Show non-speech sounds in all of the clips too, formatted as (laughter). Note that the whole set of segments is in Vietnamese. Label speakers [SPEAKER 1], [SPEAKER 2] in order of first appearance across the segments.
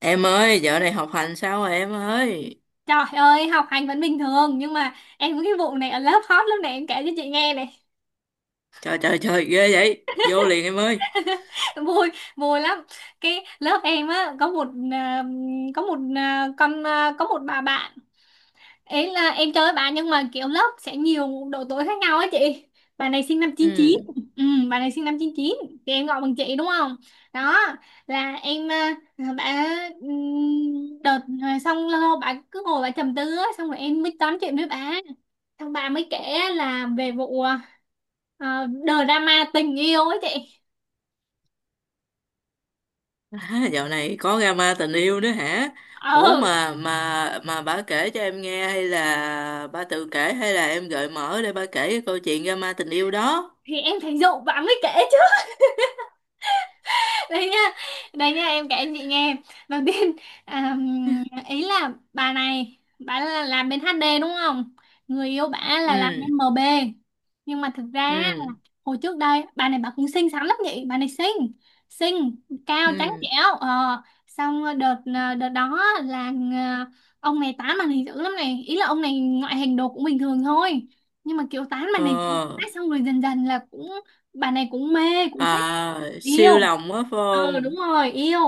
[SPEAKER 1] Em ơi, dạo này học hành sao rồi em ơi?
[SPEAKER 2] Trời ơi, học hành vẫn bình thường nhưng mà em có cái vụ này ở lớp hot lúc này, em kể cho chị nghe này.
[SPEAKER 1] Trời trời trời, ghê vậy. Vô liền em ơi.
[SPEAKER 2] (laughs) Vui, vui lắm. Cái lớp em á có một à, con à, có một bà bạn. Ấy là em chơi với bà nhưng mà kiểu lớp sẽ nhiều độ tuổi khác nhau á chị. Bà này sinh năm chín
[SPEAKER 1] Ừ.
[SPEAKER 2] chín. Ừ, bà này sinh năm chín chín thì em gọi bằng chị đúng không? Đó là em à, bà đợt rồi xong lâu lâu bà cứ ngồi bà trầm tư á, xong rồi em mới tám chuyện với bà, thằng bà mới kể là về vụ ờ, drama tình yêu ấy chị.
[SPEAKER 1] À, dạo này có drama tình yêu nữa hả? Ủa
[SPEAKER 2] ờ
[SPEAKER 1] mà bà kể cho em nghe hay là bà tự kể hay là em gợi mở để bà kể cái câu chuyện drama tình yêu đó?
[SPEAKER 2] thì em thấy Dụ bà mới kể. Đấy nha, đấy nha, em kể chị nghe. Đầu tiên, à, ý là bà này bà là làm bên HD đúng không, người yêu bà là làm
[SPEAKER 1] Ừ.
[SPEAKER 2] bên MB. Nhưng mà thực ra là
[SPEAKER 1] Ừ.
[SPEAKER 2] hồi trước đây bà này bà cũng xinh xắn lắm, vậy bà này xinh xinh cao trắng
[SPEAKER 1] Ừ.
[SPEAKER 2] trẻo. Xong đợt đó là, ông này tán bà này dữ lắm này, ý là ông này ngoại hình đồ cũng bình thường thôi, nhưng mà kiểu tán bà này dữ quá,
[SPEAKER 1] Ờ.
[SPEAKER 2] xong rồi dần dần là cũng bà này cũng mê cũng thích
[SPEAKER 1] À, siêu
[SPEAKER 2] yêu.
[SPEAKER 1] lòng quá phải
[SPEAKER 2] Ừ, đúng
[SPEAKER 1] không?
[SPEAKER 2] rồi yêu.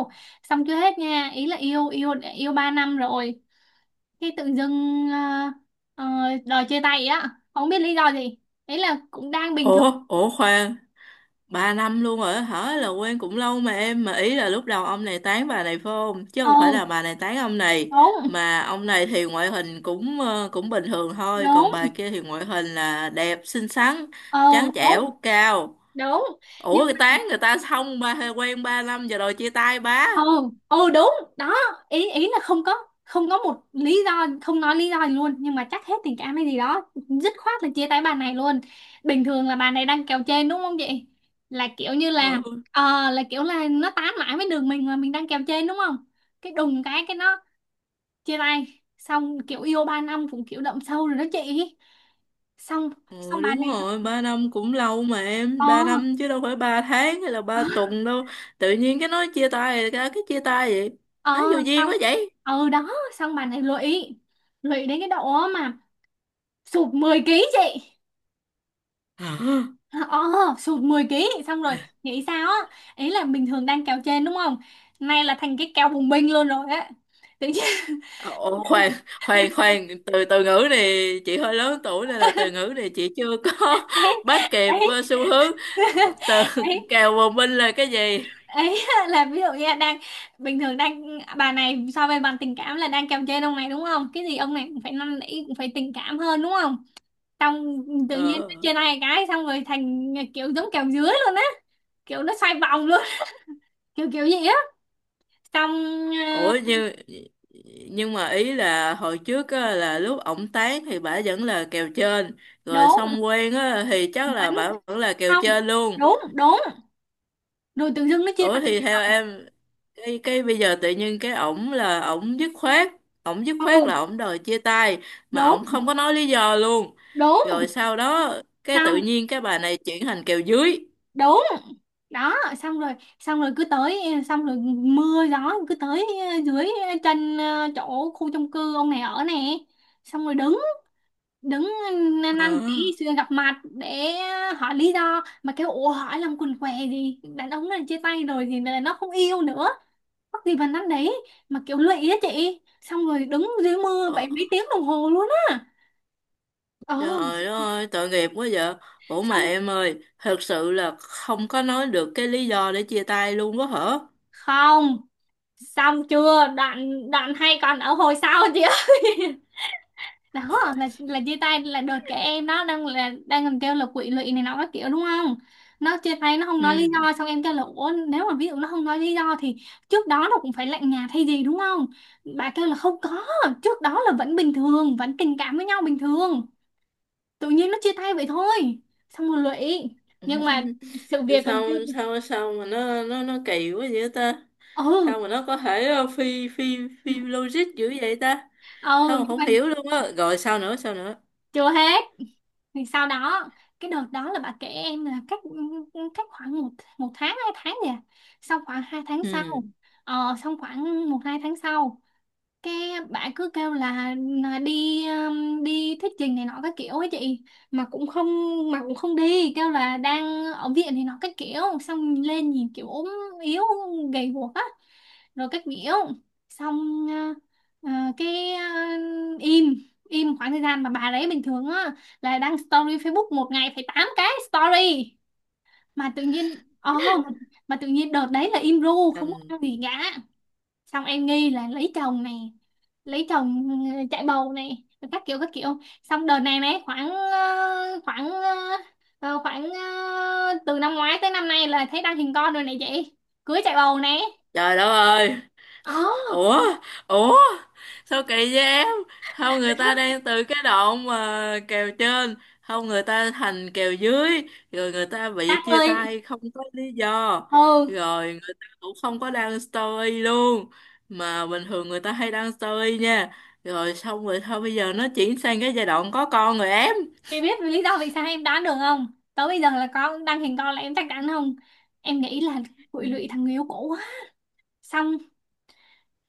[SPEAKER 2] Xong chưa hết nha, ý là yêu yêu yêu 3 năm rồi khi tự dưng ờ, đòi chia tay á, không biết lý do gì, ý là cũng đang bình thường.
[SPEAKER 1] Ủa, ủa khoan. Ba năm luôn rồi á hả, là quen cũng lâu mà em, mà ý là lúc đầu ông này tán bà này phải không, chứ không phải
[SPEAKER 2] Ừ
[SPEAKER 1] là bà này tán ông này?
[SPEAKER 2] đúng
[SPEAKER 1] Mà ông này thì ngoại hình cũng cũng bình thường thôi,
[SPEAKER 2] đúng.
[SPEAKER 1] còn bà kia thì ngoại hình là đẹp, xinh xắn,
[SPEAKER 2] Ừ
[SPEAKER 1] trắng
[SPEAKER 2] đúng
[SPEAKER 1] trẻo, cao.
[SPEAKER 2] đúng. Nhưng
[SPEAKER 1] Ủa cái tán người ta xong, ba, hay quen ba năm giờ rồi chia tay bá?
[SPEAKER 2] Ồ, ồ đúng đó. Ý ý là không có một lý do, không nói lý do gì luôn, nhưng mà chắc hết tình cảm hay gì đó, dứt khoát là chia tay bà này luôn. Bình thường là bà này đang kèo trên đúng không chị, là kiểu như là,
[SPEAKER 1] Ừ.
[SPEAKER 2] là kiểu là nó tán mãi với đường mình mà mình đang kèo trên đúng không. Cái đùng cái nó chia tay. Xong kiểu yêu 3 năm cũng kiểu đậm sâu rồi đó chị. xong
[SPEAKER 1] Ừ,
[SPEAKER 2] xong bà
[SPEAKER 1] đúng
[SPEAKER 2] này,
[SPEAKER 1] rồi, ba năm cũng lâu mà em,
[SPEAKER 2] ờ
[SPEAKER 1] ba năm chứ đâu phải ba tháng hay là ba tuần đâu. Tự nhiên cái nói chia tay, cái chia tay vậy. Nói
[SPEAKER 2] ờ
[SPEAKER 1] vô duyên
[SPEAKER 2] xong.
[SPEAKER 1] quá vậy.
[SPEAKER 2] Ừ đó, xong bà này lụy, lụy đến cái độ mà sụt 10 ký chị.
[SPEAKER 1] Hả?
[SPEAKER 2] Ờ, Sụt 10 ký xong rồi, nghĩ sao á, ý là bình thường đang kéo trên đúng không, nay là thành cái kéo bùng binh luôn rồi á, tự nhiên.
[SPEAKER 1] Ồ, khoan khoan khoan, từ từ ngữ này chị hơi lớn tuổi, nên là từ ngữ này chị chưa có
[SPEAKER 2] (laughs) Ấy,
[SPEAKER 1] (laughs) bắt kịp
[SPEAKER 2] ấy,
[SPEAKER 1] xu hướng. Từ
[SPEAKER 2] ấy.
[SPEAKER 1] (laughs) kèo bồng binh là cái gì?
[SPEAKER 2] Ấy là ví dụ như là đang, bình thường đang bà này so với bạn tình cảm là đang kéo trên ông này đúng không, cái gì ông này cũng phải năn nỉ cũng phải tình cảm hơn đúng không. Xong tự nhiên nó
[SPEAKER 1] ờ,
[SPEAKER 2] trên ai cái xong rồi thành kiểu giống kéo dưới luôn á, kiểu nó xoay vòng luôn. (laughs) Kiểu kiểu gì á, xong. ờ,
[SPEAKER 1] Ủa nhưng mà ý là hồi trước á, là lúc ổng tán thì bả vẫn là kèo trên. Rồi
[SPEAKER 2] Đúng,
[SPEAKER 1] xong quen á thì chắc
[SPEAKER 2] vẫn,
[SPEAKER 1] là bả vẫn là kèo
[SPEAKER 2] không,
[SPEAKER 1] trên luôn.
[SPEAKER 2] đúng đúng, rồi tự dưng nó chia tay
[SPEAKER 1] Ủa thì theo em, cái bây giờ tự nhiên cái ổng là ổng dứt khoát, ổng dứt
[SPEAKER 2] nhau
[SPEAKER 1] khoát
[SPEAKER 2] luôn.
[SPEAKER 1] là ổng đòi chia tay mà
[SPEAKER 2] Đúng
[SPEAKER 1] ổng không có nói lý do luôn.
[SPEAKER 2] đúng.
[SPEAKER 1] Rồi sau đó cái
[SPEAKER 2] Xong
[SPEAKER 1] tự nhiên cái bà này chuyển thành kèo dưới.
[SPEAKER 2] đúng đó, xong rồi, xong rồi cứ tới, xong rồi mưa gió cứ tới, dưới chân, chỗ khu chung cư ông này ở nè, xong rồi đứng, đứng, năn năn
[SPEAKER 1] Ờ.
[SPEAKER 2] chỉ xưa gặp mặt để hỏi lý do, mà kêu ủa hỏi làm quần què gì, đàn ông này chia tay rồi thì là nó không yêu nữa, mắc gì vào năn đấy, mà kiểu lụy á chị, xong rồi đứng dưới mưa vậy
[SPEAKER 1] Ờ,
[SPEAKER 2] mấy tiếng đồng hồ luôn á. ờ
[SPEAKER 1] trời ơi tội nghiệp quá vậy. Ủa mà
[SPEAKER 2] xong
[SPEAKER 1] em ơi, thật sự là không có nói được cái lý do để chia tay luôn quá hả?
[SPEAKER 2] không Xong chưa đoạn, đoạn hay còn ở hồi sau chị ơi. (laughs) Đó là chia tay là đợt cái em đó đang là đang còn kêu là quỵ lụy này nó các kiểu đúng không, nó chia tay nó không nói
[SPEAKER 1] Ừ.
[SPEAKER 2] lý do, xong em kêu là ủa nếu mà ví dụ nó không nói lý do thì trước đó nó cũng phải lạnh nhạt hay gì đúng không. Bà kêu là không có, trước đó là vẫn bình thường vẫn tình cảm với nhau bình thường, tự nhiên nó chia tay vậy thôi, xong rồi lụy. Nhưng
[SPEAKER 1] (laughs)
[SPEAKER 2] mà sự việc còn
[SPEAKER 1] sao
[SPEAKER 2] chưa.
[SPEAKER 1] sao sao mà nó kỳ quá vậy ta?
[SPEAKER 2] Ừ,
[SPEAKER 1] Sao mà nó có thể phi phi phi logic dữ vậy ta?
[SPEAKER 2] ừ.
[SPEAKER 1] Không,
[SPEAKER 2] Nhưng
[SPEAKER 1] không
[SPEAKER 2] mà
[SPEAKER 1] hiểu luôn á. Rồi sao nữa, sao nữa?
[SPEAKER 2] chưa hết. Thì sau đó cái đợt đó là bà kể em là cách, cách khoảng một, một tháng hai tháng gì. Sau khoảng 2 tháng
[SPEAKER 1] Ừ,
[SPEAKER 2] sau, xong khoảng một hai tháng sau cái bạn cứ kêu là đi đi thuyết trình này nọ các kiểu ấy chị, mà cũng không, mà cũng không đi, kêu là đang ở viện này nọ các kiểu, xong lên nhìn kiểu ốm yếu gầy guộc á rồi các kiểu. Xong ờ, ờ, cái ờ, Im im khoảng thời gian mà bà đấy bình thường á là đăng story Facebook một ngày phải 8 cái story, mà tự nhiên ồ, mà tự nhiên đợt đấy là im ru không có
[SPEAKER 1] đừng.
[SPEAKER 2] đăng gì cả. Xong em nghi là lấy chồng này, lấy chồng. Ừ, chạy bầu này rồi các kiểu các kiểu. Xong đợt này này khoảng từ năm ngoái tới năm nay là thấy đăng hình con rồi này chị, cưới chạy bầu này.
[SPEAKER 1] Trời đất ơi.
[SPEAKER 2] Ồ,
[SPEAKER 1] Ủa, ủa, sao kỳ vậy em? Không,
[SPEAKER 2] vậy
[SPEAKER 1] người ta
[SPEAKER 2] thôi.
[SPEAKER 1] đang từ cái đoạn mà kèo trên, không, người ta thành kèo dưới, rồi người ta
[SPEAKER 2] Đăng
[SPEAKER 1] bị chia
[SPEAKER 2] ơi.
[SPEAKER 1] tay không có lý do,
[SPEAKER 2] Ừ,
[SPEAKER 1] rồi người ta cũng không có đăng story luôn, mà bình thường người ta hay đăng story nha. Rồi xong rồi thôi, bây giờ nó chuyển sang cái giai đoạn có con rồi em.
[SPEAKER 2] chị biết lý do vì sao em đoán được không, tới bây giờ là có đăng hình con là em chắc chắn không, em nghĩ là
[SPEAKER 1] Ừ.
[SPEAKER 2] quỵ lụy thằng người yêu cũ á. Xong,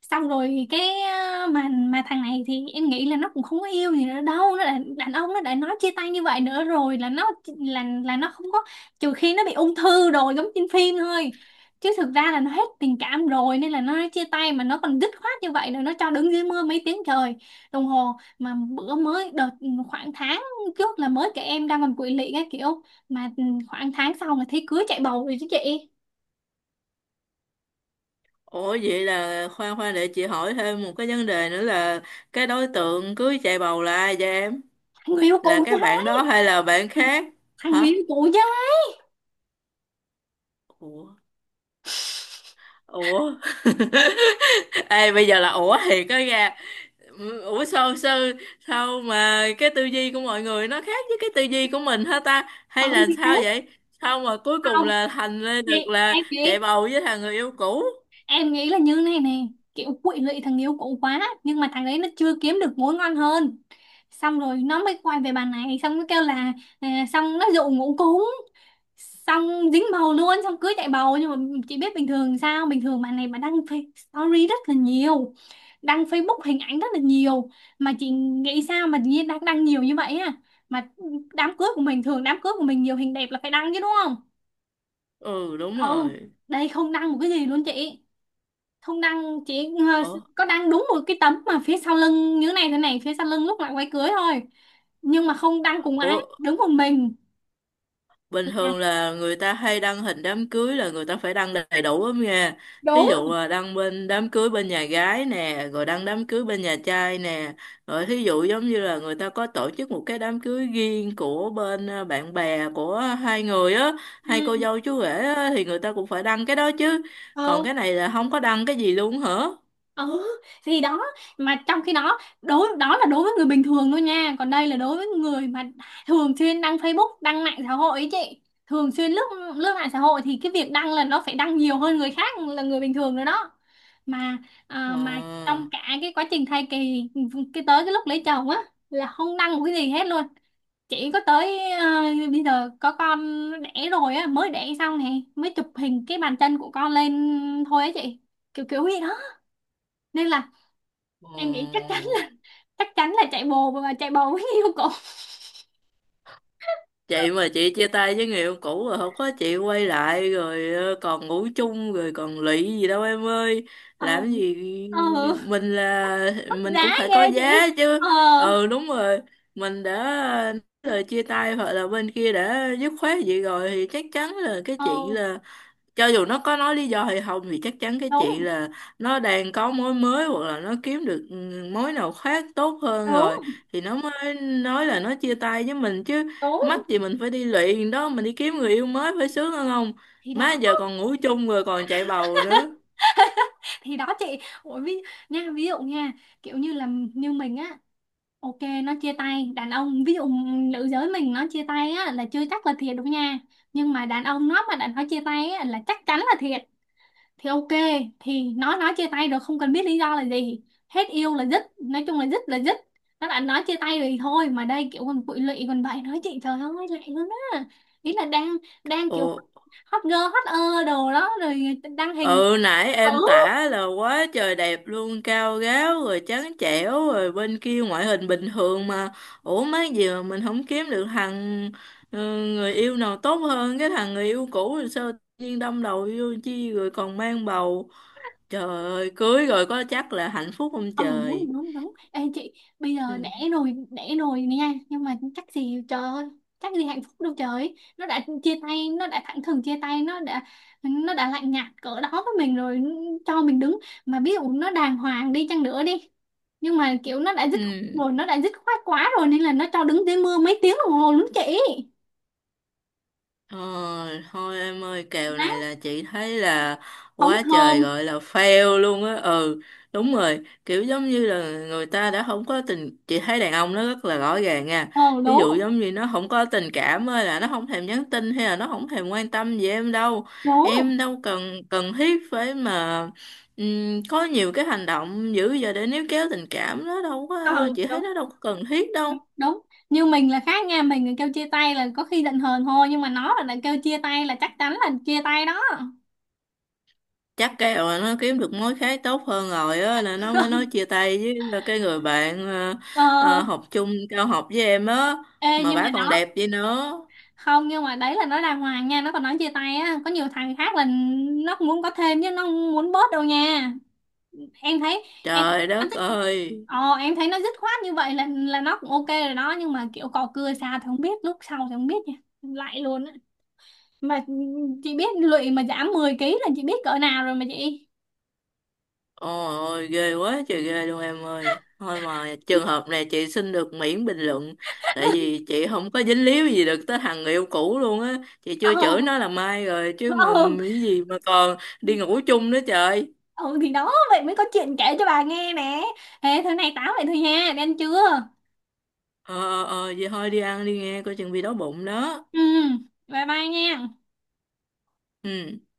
[SPEAKER 2] xong rồi cái mà thằng này thì em nghĩ là nó cũng không có yêu gì nữa đâu, nó đã, đàn ông nó đã nói chia tay như vậy nữa rồi là nó, là nó không có, trừ khi nó bị ung thư rồi giống trên phim thôi, chứ thực ra là nó hết tình cảm rồi nên là nó nói chia tay mà nó còn dứt khoát như vậy rồi, nó cho đứng dưới mưa mấy tiếng trời đồng hồ. Mà bữa mới đợt khoảng tháng trước là mới kể em đang còn quỵ lị cái kiểu, mà khoảng tháng sau là thấy cưới chạy bầu rồi chứ chị.
[SPEAKER 1] Ủa vậy là, khoan khoan để chị hỏi thêm một cái vấn đề nữa là cái đối tượng cưới chạy bầu là ai vậy em?
[SPEAKER 2] Thằng người yêu
[SPEAKER 1] Là
[SPEAKER 2] cũ chứ.
[SPEAKER 1] cái bạn đó hay là bạn khác?
[SPEAKER 2] Thằng
[SPEAKER 1] Hả?
[SPEAKER 2] người yêu cũ chứ.
[SPEAKER 1] Ủa, ủa. (laughs) Ê bây giờ là, ủa thiệt đó nha. Ủa sao, sao mà cái tư duy của mọi người nó khác với cái tư duy của mình hả ta, hay
[SPEAKER 2] Ừ
[SPEAKER 1] là
[SPEAKER 2] thì thế.
[SPEAKER 1] sao vậy? Sao mà cuối cùng là thành lên
[SPEAKER 2] Thì
[SPEAKER 1] được là
[SPEAKER 2] em
[SPEAKER 1] chạy
[SPEAKER 2] nghĩ,
[SPEAKER 1] bầu với thằng người yêu cũ?
[SPEAKER 2] là như này này, kiểu quỵ lụy thằng yêu cũ quá nhưng mà thằng ấy nó chưa kiếm được mối ngon hơn, xong rồi nó mới quay về bà này, xong nó kêu là xong nó dụ ngủ cúng, xong dính bầu luôn, xong cưới chạy bầu. Nhưng mà chị biết bình thường sao, bình thường bà này bà đăng story rất là nhiều, đăng Facebook hình ảnh rất là nhiều, mà chị nghĩ sao mà nhiên đăng đăng nhiều như vậy mà đám cưới của mình thường đám cưới của mình nhiều hình đẹp là phải đăng chứ đúng không.
[SPEAKER 1] Ừ đúng
[SPEAKER 2] Ừ.
[SPEAKER 1] rồi.
[SPEAKER 2] Đây không đăng một cái gì luôn chị, không đăng chỉ
[SPEAKER 1] Ủa,
[SPEAKER 2] có đăng đúng một cái tấm mà phía sau lưng như thế này thế này, phía sau lưng lúc lại quay cưới thôi, nhưng mà không đăng cùng ai
[SPEAKER 1] ủa,
[SPEAKER 2] đứng một mình.
[SPEAKER 1] bình
[SPEAKER 2] Là
[SPEAKER 1] thường là người ta hay đăng hình đám cưới, là người ta phải đăng đầy đủ lắm nha. Thí dụ
[SPEAKER 2] đúng.
[SPEAKER 1] là đăng bên đám cưới bên nhà gái nè, rồi đăng đám cưới bên nhà trai nè, rồi thí dụ giống như là người ta có tổ chức một cái đám cưới riêng của bên bạn bè của hai người á, hai cô
[SPEAKER 2] Ừ.
[SPEAKER 1] dâu chú rể á, thì người ta cũng phải đăng cái đó chứ. Còn
[SPEAKER 2] Ừ.
[SPEAKER 1] cái này là không có đăng cái gì luôn hả?
[SPEAKER 2] Ừ thì đó, mà trong khi đó đối đó là đối với người bình thường thôi nha, còn đây là đối với người mà thường xuyên đăng Facebook đăng mạng xã hội ấy chị, thường xuyên lướt, lướt mạng xã hội thì cái việc đăng là nó phải đăng nhiều hơn người khác là người bình thường rồi đó. mà
[SPEAKER 1] Ờ.
[SPEAKER 2] mà trong cả cái quá trình thai kỳ cái tới cái lúc lấy chồng á là không đăng một cái gì hết luôn, chỉ có tới bây giờ có con đẻ rồi á mới đẻ xong này mới chụp hình cái bàn chân của con lên thôi á chị, kiểu kiểu gì đó, nên là
[SPEAKER 1] Ờ,
[SPEAKER 2] em nghĩ chắc chắn, chắc chắn là chạy bồ, mà chạy bồ mới yêu cổ.
[SPEAKER 1] chị mà chị chia tay với người yêu cũ rồi, không có chị quay lại rồi còn ngủ chung rồi còn lụy gì đâu em ơi.
[SPEAKER 2] Ờ,
[SPEAKER 1] Làm gì.
[SPEAKER 2] ừ
[SPEAKER 1] Mình là,
[SPEAKER 2] mất
[SPEAKER 1] mình
[SPEAKER 2] giá
[SPEAKER 1] cũng phải có
[SPEAKER 2] ghê chị.
[SPEAKER 1] giá chứ.
[SPEAKER 2] ờ
[SPEAKER 1] Ừ đúng rồi. Mình đã nói lời chia tay, hoặc là bên kia đã dứt khoát vậy rồi, thì chắc chắn là cái chuyện
[SPEAKER 2] ờ
[SPEAKER 1] là, cho dù nó có nói lý do hay không, thì chắc chắn cái chuyện
[SPEAKER 2] Đúng
[SPEAKER 1] là nó đang có mối mới, hoặc là nó kiếm được mối nào khác tốt hơn rồi,
[SPEAKER 2] đúng
[SPEAKER 1] thì nó mới nói là nó chia tay với mình chứ. Mắc
[SPEAKER 2] đúng,
[SPEAKER 1] gì mình phải đi luyện đó, mình đi kiếm người yêu mới phải sướng hơn không?
[SPEAKER 2] thì
[SPEAKER 1] Má,
[SPEAKER 2] đó,
[SPEAKER 1] giờ còn ngủ chung rồi còn chạy bầu nữa.
[SPEAKER 2] thì đó chị. Ủa, ví, nha ví dụ nha, kiểu như là như mình á, ok nó chia tay, đàn ông ví dụ nữ giới mình nó chia tay á là chưa chắc là thiệt đâu nha, nhưng mà đàn ông nó mà đã nó chia tay á là chắc chắn là thiệt, thì ok thì nói chia tay rồi không cần biết lý do là gì, hết yêu là dứt, nói chung là dứt là dứt, nó đã nói chia tay rồi thôi, mà đây kiểu còn bụi lụy còn vậy nói chị trời ơi lẹ luôn á. Ý là đang, đang
[SPEAKER 1] Ồ.
[SPEAKER 2] kiểu hot girl hot đồ đó rồi đăng hình.
[SPEAKER 1] Ừ nãy
[SPEAKER 2] Ừ.
[SPEAKER 1] em tả là quá trời đẹp luôn, cao ráo rồi trắng trẻo, rồi bên kia ngoại hình bình thường mà. Ủa mấy gì mà mình không kiếm được thằng, ừ, người yêu nào tốt hơn cái thằng người yêu cũ, rồi sao tự nhiên đâm đầu vô chi rồi còn mang bầu. Trời ơi cưới rồi có chắc là hạnh phúc không
[SPEAKER 2] Ờ
[SPEAKER 1] trời.
[SPEAKER 2] đúng đúng đúng. Ê chị bây giờ
[SPEAKER 1] Ừ.
[SPEAKER 2] đẻ rồi nha, nhưng mà chắc gì trời ơi, chắc gì hạnh phúc đâu trời. Nó đã chia tay, nó đã thẳng thừng chia tay, nó đã, nó đã lạnh nhạt cỡ đó với mình rồi. Ừ, Cho mình đứng, mà ví dụ nó đàng hoàng đi chăng nữa đi, nhưng mà kiểu nó đã dứt
[SPEAKER 1] Ừ.
[SPEAKER 2] rồi, nó đã dứt khoát quá rồi, nên là nó cho đứng dưới mưa mấy tiếng đồng hồ luôn chị.
[SPEAKER 1] Ờ, thôi em ơi, kèo
[SPEAKER 2] Má,
[SPEAKER 1] này là chị thấy là
[SPEAKER 2] không
[SPEAKER 1] quá trời,
[SPEAKER 2] thơm.
[SPEAKER 1] gọi là fail luôn á. Ừ đúng rồi. Kiểu giống như là người ta đã không có tình, chị thấy đàn ông nó rất là rõ ràng nha.
[SPEAKER 2] Ờ
[SPEAKER 1] Ví
[SPEAKER 2] đúng
[SPEAKER 1] dụ giống như nó không có tình cảm ơi, là nó không thèm nhắn tin, hay là nó không thèm quan tâm gì em đâu.
[SPEAKER 2] đúng.
[SPEAKER 1] Em đâu cần, cần thiết phải mà có nhiều cái hành động dữ giờ để níu kéo tình cảm, nó đâu có.
[SPEAKER 2] Ừ
[SPEAKER 1] Chị thấy
[SPEAKER 2] đúng
[SPEAKER 1] nó đâu có cần thiết
[SPEAKER 2] đúng
[SPEAKER 1] đâu.
[SPEAKER 2] đúng. Như mình là khác nha, mình là kêu chia tay là có khi giận hờn thôi, nhưng mà nó là đã kêu chia tay là chắc chắn là chia tay đó.
[SPEAKER 1] Chắc cái rồi nó kiếm được mối khác tốt hơn rồi á, là nó mới nói
[SPEAKER 2] (laughs)
[SPEAKER 1] chia tay với cái người bạn,
[SPEAKER 2] Ờ.
[SPEAKER 1] học chung cao học với em á.
[SPEAKER 2] Ê
[SPEAKER 1] Mà
[SPEAKER 2] nhưng mà
[SPEAKER 1] bả còn
[SPEAKER 2] nó,
[SPEAKER 1] đẹp vậy nữa.
[SPEAKER 2] không nhưng mà đấy là nó đàng hoàng nha, nó còn nói chia tay á có nhiều thằng khác là nó cũng muốn có thêm chứ nó không muốn bớt đâu nha. Em thấy, em
[SPEAKER 1] Trời
[SPEAKER 2] anh
[SPEAKER 1] đất
[SPEAKER 2] thích.
[SPEAKER 1] ơi.
[SPEAKER 2] Em thấy nó dứt khoát như vậy là nó cũng ok rồi đó, nhưng mà kiểu cò cưa xa thì không biết, lúc sau thì không biết nha, lại luôn á mà. Chị biết lụy mà giảm 10 ký là chị biết cỡ nào rồi mà chị.
[SPEAKER 1] Ôi ôi ghê, quá trời ghê luôn em ơi. Thôi mà trường hợp này chị xin được miễn bình luận, tại vì chị không có dính líu gì được tới thằng người yêu cũ luôn á, chị
[SPEAKER 2] Ờ.
[SPEAKER 1] chưa chửi nó là mai rồi chứ mà.
[SPEAKER 2] Ừ.
[SPEAKER 1] Cái gì mà còn đi ngủ chung nữa trời.
[SPEAKER 2] Ừ thì đó vậy mới có chuyện kể cho bà nghe nè, thế thế này tám vậy thôi nha, đi ăn trưa.
[SPEAKER 1] Ờ. Ờ vậy thôi đi ăn đi nghe, coi chừng bị đói bụng đó.
[SPEAKER 2] Ừ, bye bye nha.
[SPEAKER 1] Ừ.